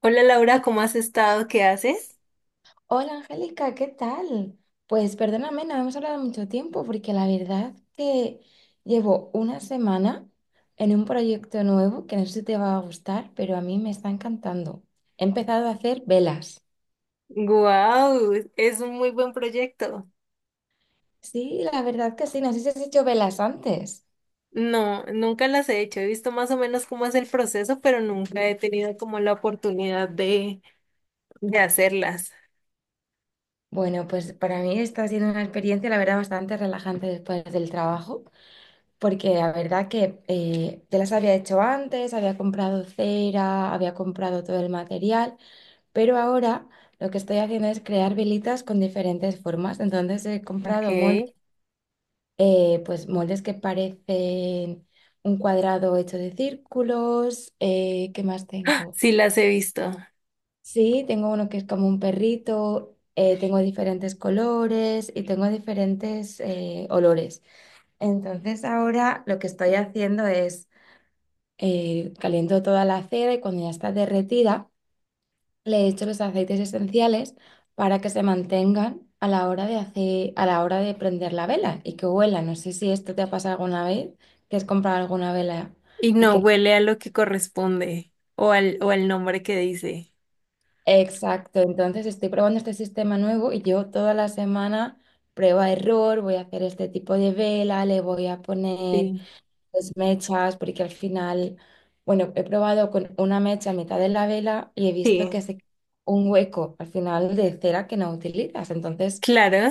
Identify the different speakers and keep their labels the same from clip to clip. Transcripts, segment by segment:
Speaker 1: Hola Laura, ¿cómo has estado? ¿Qué haces?
Speaker 2: Hola Angélica, ¿qué tal? Pues perdóname, no hemos hablado mucho tiempo porque la verdad que llevo una semana en un proyecto nuevo que no sé si te va a gustar, pero a mí me está encantando. He empezado a hacer velas.
Speaker 1: ¡Guau! Es un muy buen proyecto.
Speaker 2: Sí, la verdad que sí, no sé si has hecho velas antes.
Speaker 1: No, nunca las he hecho. He visto más o menos cómo es el proceso, pero nunca he tenido como la oportunidad de hacerlas.
Speaker 2: Bueno, pues para mí está siendo una experiencia, la verdad, bastante relajante después del trabajo, porque la verdad que ya las había hecho antes, había comprado cera, había comprado todo el material. Pero ahora lo que estoy haciendo es crear velitas con diferentes formas. Entonces he comprado
Speaker 1: Ok.
Speaker 2: moldes, pues moldes que parecen un cuadrado hecho de círculos. ¿Qué más tengo?
Speaker 1: Sí las he visto.
Speaker 2: Sí, tengo uno que es como un perrito. Tengo diferentes colores y tengo diferentes olores. Entonces ahora lo que estoy haciendo es caliento toda la cera y cuando ya está derretida le echo los aceites esenciales para que se mantengan a la hora de hacer, a la hora de prender la vela y que huela. No sé si esto te ha pasado alguna vez, que has comprado alguna vela
Speaker 1: Y
Speaker 2: y
Speaker 1: no
Speaker 2: que...
Speaker 1: huele a lo que corresponde o al nombre que dice.
Speaker 2: Exacto, entonces estoy probando este sistema nuevo y yo toda la semana prueba error, voy a hacer este tipo de vela, le voy a poner
Speaker 1: Sí.
Speaker 2: pues, mechas, porque al final, bueno, he probado con una mecha a mitad de la vela y he visto
Speaker 1: Sí,
Speaker 2: que hace un hueco al final de cera que no utilizas, entonces...
Speaker 1: claro.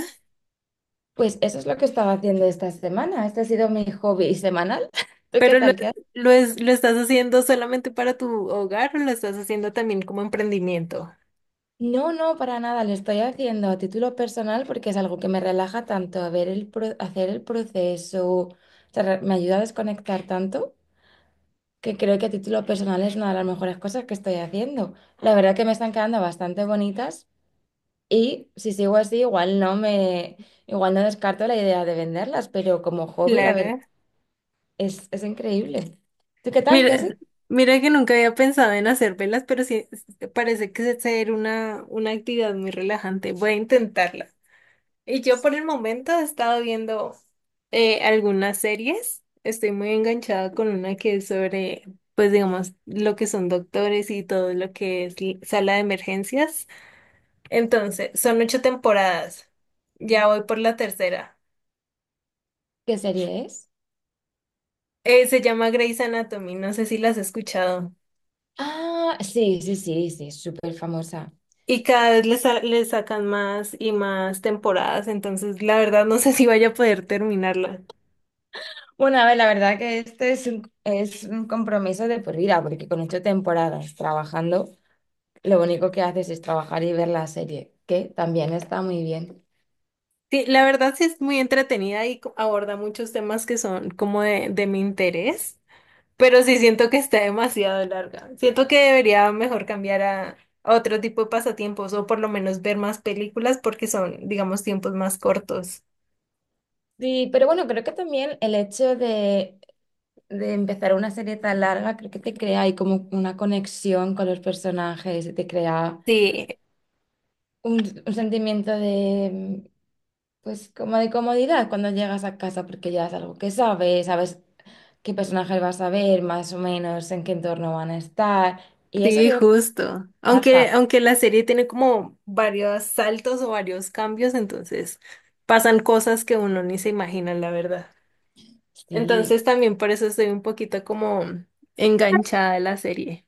Speaker 2: Pues eso es lo que estaba haciendo esta semana. Este ha sido mi hobby semanal. ¿Tú qué
Speaker 1: Pero lo,
Speaker 2: tal? ¿Qué haces?
Speaker 1: lo, es- lo estás haciendo solamente para tu hogar o lo estás haciendo también como emprendimiento.
Speaker 2: No, no, para nada. Lo estoy haciendo a título personal porque es algo que me relaja tanto, a ver el hacer el proceso. O sea, me ayuda a desconectar tanto que creo que a título personal es una de las mejores cosas que estoy haciendo. La verdad que me están quedando bastante bonitas y si sigo así, igual no descarto la idea de venderlas, pero como hobby, la verdad,
Speaker 1: Claro.
Speaker 2: es increíble. ¿Tú qué tal? ¿Qué
Speaker 1: Mira,
Speaker 2: haces?
Speaker 1: mira que nunca había pensado en hacer velas, pero sí sí, parece que es ser una actividad muy relajante. Voy a intentarla. Y yo por el momento he estado viendo algunas series. Estoy muy enganchada con una que es sobre, pues digamos, lo que son doctores y todo lo que es sala de emergencias. Entonces, son ocho temporadas. Ya voy por la tercera.
Speaker 2: ¿Qué serie es?
Speaker 1: Se llama Grey's Anatomy. No sé si la has escuchado.
Speaker 2: Ah, sí, sí, sí, sí, es súper famosa.
Speaker 1: Y cada vez le sacan más y más temporadas, entonces la verdad no sé si vaya a poder terminarla.
Speaker 2: Bueno, a ver, la verdad que es un compromiso de por vida, porque con ocho temporadas trabajando, lo único que haces es trabajar y ver la serie, que también está muy bien.
Speaker 1: Sí, la verdad sí es muy entretenida y aborda muchos temas que son como de mi interés, pero sí siento que está demasiado larga. Siento que debería mejor cambiar a otro tipo de pasatiempos o por lo menos ver más películas porque son, digamos, tiempos más cortos.
Speaker 2: Sí, pero bueno, creo que también de empezar una serie tan larga, creo que te crea ahí como una conexión con los personajes, y te crea
Speaker 1: Sí,
Speaker 2: un sentimiento de, pues, como de comodidad cuando llegas a casa, porque ya es algo que sabes qué personajes vas a ver, más o menos en qué entorno van a estar. Y eso yo
Speaker 1: sí,
Speaker 2: creo que
Speaker 1: justo.
Speaker 2: trabaja.
Speaker 1: Aunque la serie tiene como varios saltos o varios cambios, entonces pasan cosas que uno ni se imagina, la verdad.
Speaker 2: Sí,
Speaker 1: Entonces también por eso estoy un poquito como enganchada a la serie.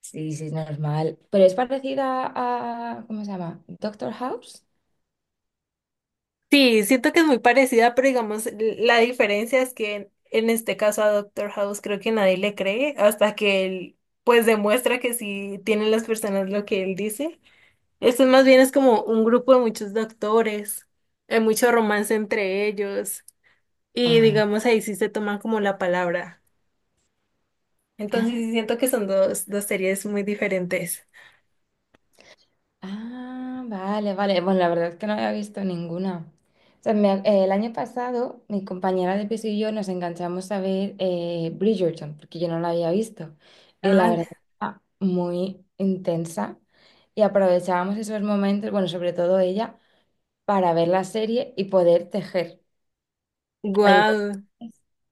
Speaker 2: sí, sí, es normal. Pero es parecida a, ¿cómo se llama? Doctor House.
Speaker 1: Sí, siento que es muy parecida, pero digamos, la diferencia es que en este caso a Doctor House creo que nadie le cree hasta que él pues demuestra que sí tienen las personas lo que él dice. Esto más bien es como un grupo de muchos doctores, hay mucho romance entre ellos y
Speaker 2: Ah,
Speaker 1: digamos ahí sí se toman como la palabra. Entonces
Speaker 2: ah,
Speaker 1: sí siento que son dos series muy diferentes.
Speaker 2: ah, vale, vale. Bueno, la verdad es que no había visto ninguna. O sea, el año pasado, mi compañera de piso y yo nos enganchamos a ver Bridgerton, porque yo no la había visto. Y la
Speaker 1: Ah,
Speaker 2: verdad, era muy intensa. Y aprovechábamos esos momentos, bueno, sobre todo ella para ver la serie y poder tejer. Entonces
Speaker 1: guau.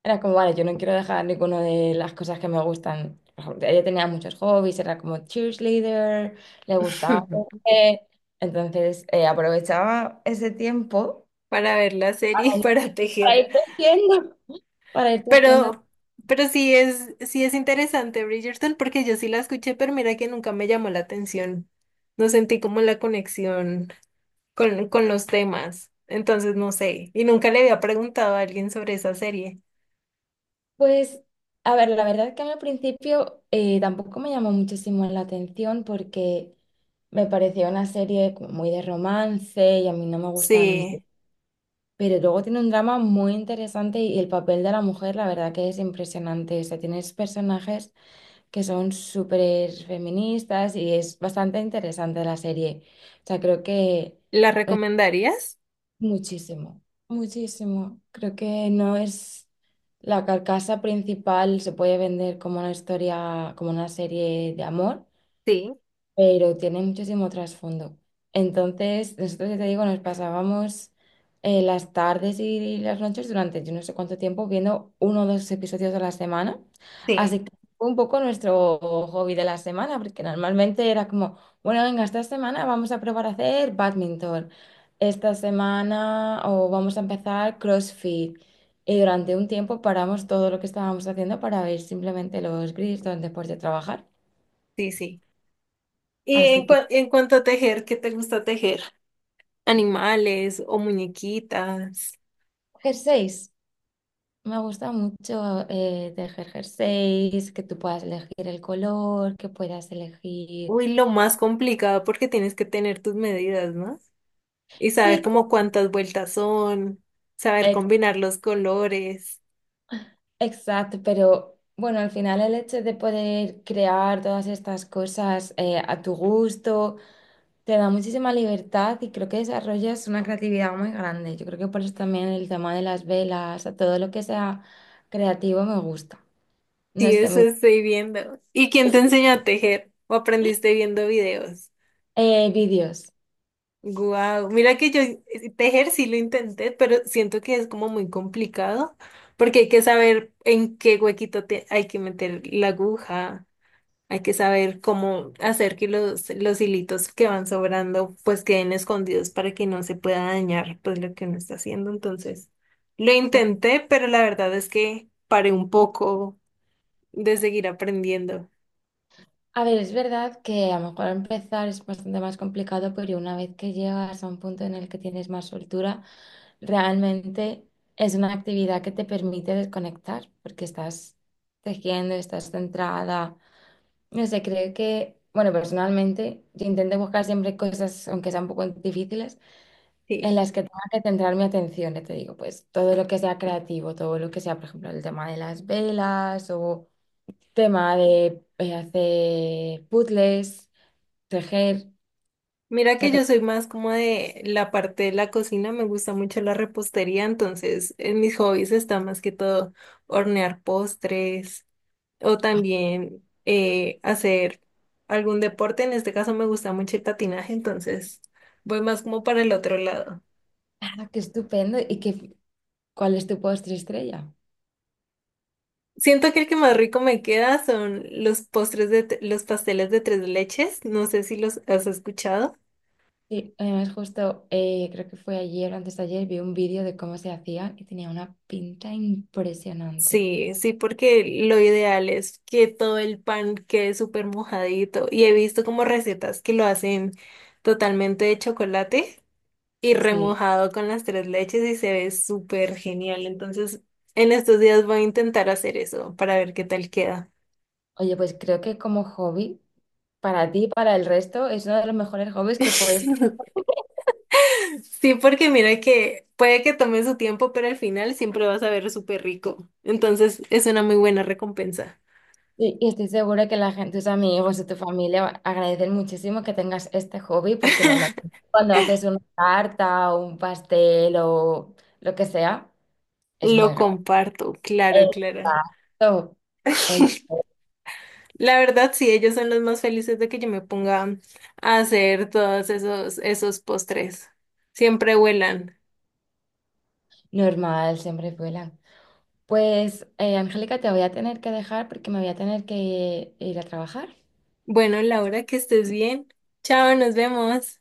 Speaker 2: era como, vale, yo no quiero dejar ninguna de las cosas que me gustan. Por ejemplo, ella tenía muchos hobbies, era como cheerleader, le gustaba tejer. Entonces aprovechaba ese tiempo
Speaker 1: Para ver la
Speaker 2: para
Speaker 1: serie y para
Speaker 2: para
Speaker 1: tejer.
Speaker 2: ir tejiendo, para ir tejiendo.
Speaker 1: Pero, pero sí es interesante Bridgerton porque yo sí la escuché, pero mira que nunca me llamó la atención. No sentí como la conexión con los temas. Entonces, no sé. Y nunca le había preguntado a alguien sobre esa serie.
Speaker 2: Pues, a ver, la verdad que a mí al principio tampoco me llamó muchísimo la atención porque me parecía una serie como muy de romance y a mí no me gustan.
Speaker 1: Sí.
Speaker 2: Pero luego tiene un drama muy interesante y el papel de la mujer, la verdad que es impresionante. O sea, tienes personajes que son súper feministas y es bastante interesante la serie. O sea, creo que
Speaker 1: ¿La recomendarías?
Speaker 2: muchísimo, muchísimo. Creo que no es la carcasa principal, se puede vender como una historia, como una serie de amor,
Speaker 1: Sí,
Speaker 2: pero tiene muchísimo trasfondo. Entonces, nosotros, ya te digo, nos pasábamos las tardes y las noches durante yo no sé cuánto tiempo viendo uno o dos episodios a la semana. Así
Speaker 1: sí.
Speaker 2: que fue un poco nuestro hobby de la semana, porque normalmente era como, bueno, venga, esta semana vamos a probar a hacer badminton, esta semana o vamos a empezar CrossFit. Y durante un tiempo paramos todo lo que estábamos haciendo para ver simplemente los grills donde después de trabajar.
Speaker 1: Sí, sí. Y
Speaker 2: Así que,
Speaker 1: en cuanto a tejer, ¿qué te gusta tejer? Animales o muñequitas.
Speaker 2: jersey. Me gusta mucho tejer jerseys, que tú puedas elegir el color, que puedas elegir.
Speaker 1: Uy, lo más complicado porque tienes que tener tus medidas, ¿no? Y
Speaker 2: Sí,
Speaker 1: saber
Speaker 2: pero-
Speaker 1: como cuántas vueltas son, saber
Speaker 2: ex-
Speaker 1: combinar los colores.
Speaker 2: exacto, pero bueno, al final el hecho de poder crear todas estas cosas a tu gusto te da muchísima libertad y creo que desarrollas una creatividad muy grande. Yo creo que por eso también el tema de las velas, a todo lo que sea creativo me gusta. No
Speaker 1: Sí,
Speaker 2: sé,
Speaker 1: eso
Speaker 2: me-
Speaker 1: estoy viendo. ¿Y quién te enseñó a tejer? ¿O aprendiste viendo videos?
Speaker 2: vídeos.
Speaker 1: Guau, mira que yo tejer sí lo intenté, pero siento que es como muy complicado porque hay que saber en qué huequito te hay que meter la aguja, hay que saber cómo hacer que los hilitos que van sobrando pues queden escondidos para que no se pueda dañar pues lo que uno está haciendo. Entonces, lo intenté, pero la verdad es que paré un poco de seguir aprendiendo.
Speaker 2: A ver, es verdad que a lo mejor empezar es bastante más complicado, pero una vez que llegas a un punto en el que tienes más soltura, realmente es una actividad que te permite desconectar, porque estás tejiendo, estás centrada. No sé, creo que, bueno, personalmente, yo intento buscar siempre cosas, aunque sean un poco difíciles, en
Speaker 1: Sí.
Speaker 2: las que tenga que centrar mi atención, ya te digo, pues todo lo que sea creativo, todo lo que sea, por ejemplo, el tema de las velas o tema de hacer puzzles tejer.
Speaker 1: Mira
Speaker 2: Sea,
Speaker 1: que
Speaker 2: que,
Speaker 1: yo soy más como de la parte de la cocina, me gusta mucho la repostería, entonces en mis hobbies está más que todo hornear postres o también hacer algún deporte, en este caso me gusta mucho el patinaje, entonces voy más como para el otro lado.
Speaker 2: ah, qué estupendo. ¿Y qué, cuál es tu postre estrella?
Speaker 1: Siento que el que más rico me queda son los postres de los pasteles de tres leches, no sé si los has escuchado.
Speaker 2: Sí, además justo creo que fue ayer o antes de ayer vi un vídeo de cómo se hacía y tenía una pinta impresionante.
Speaker 1: Sí, sí, porque lo ideal es que todo el pan quede súper mojadito. Y he visto como recetas que lo hacen totalmente de chocolate y
Speaker 2: Sí.
Speaker 1: remojado con las tres leches y se ve súper genial. Entonces, en estos días voy a intentar hacer eso para ver qué tal queda.
Speaker 2: Oye, pues creo que como hobby, para ti y para el resto, es uno de los mejores hobbies que puedes tener.
Speaker 1: Sí, porque mira que puede que tome su tiempo, pero al final siempre vas a ver súper rico. Entonces, es una muy buena recompensa.
Speaker 2: Y estoy segura que la gente, tus amigos y tu familia agradecen muchísimo que tengas este hobby, porque normalmente cuando haces una tarta o un pastel o lo que sea, es muy.
Speaker 1: Lo comparto, claro, Clara.
Speaker 2: Exacto. Oye,
Speaker 1: La verdad, sí, ellos son los más felices de que yo me ponga a hacer todos esos postres. Siempre vuelan.
Speaker 2: normal, siempre vuelan. Pues, Angélica, te voy a tener que dejar porque me voy a tener que ir a trabajar.
Speaker 1: Bueno, Laura, que estés bien. Chao, nos vemos.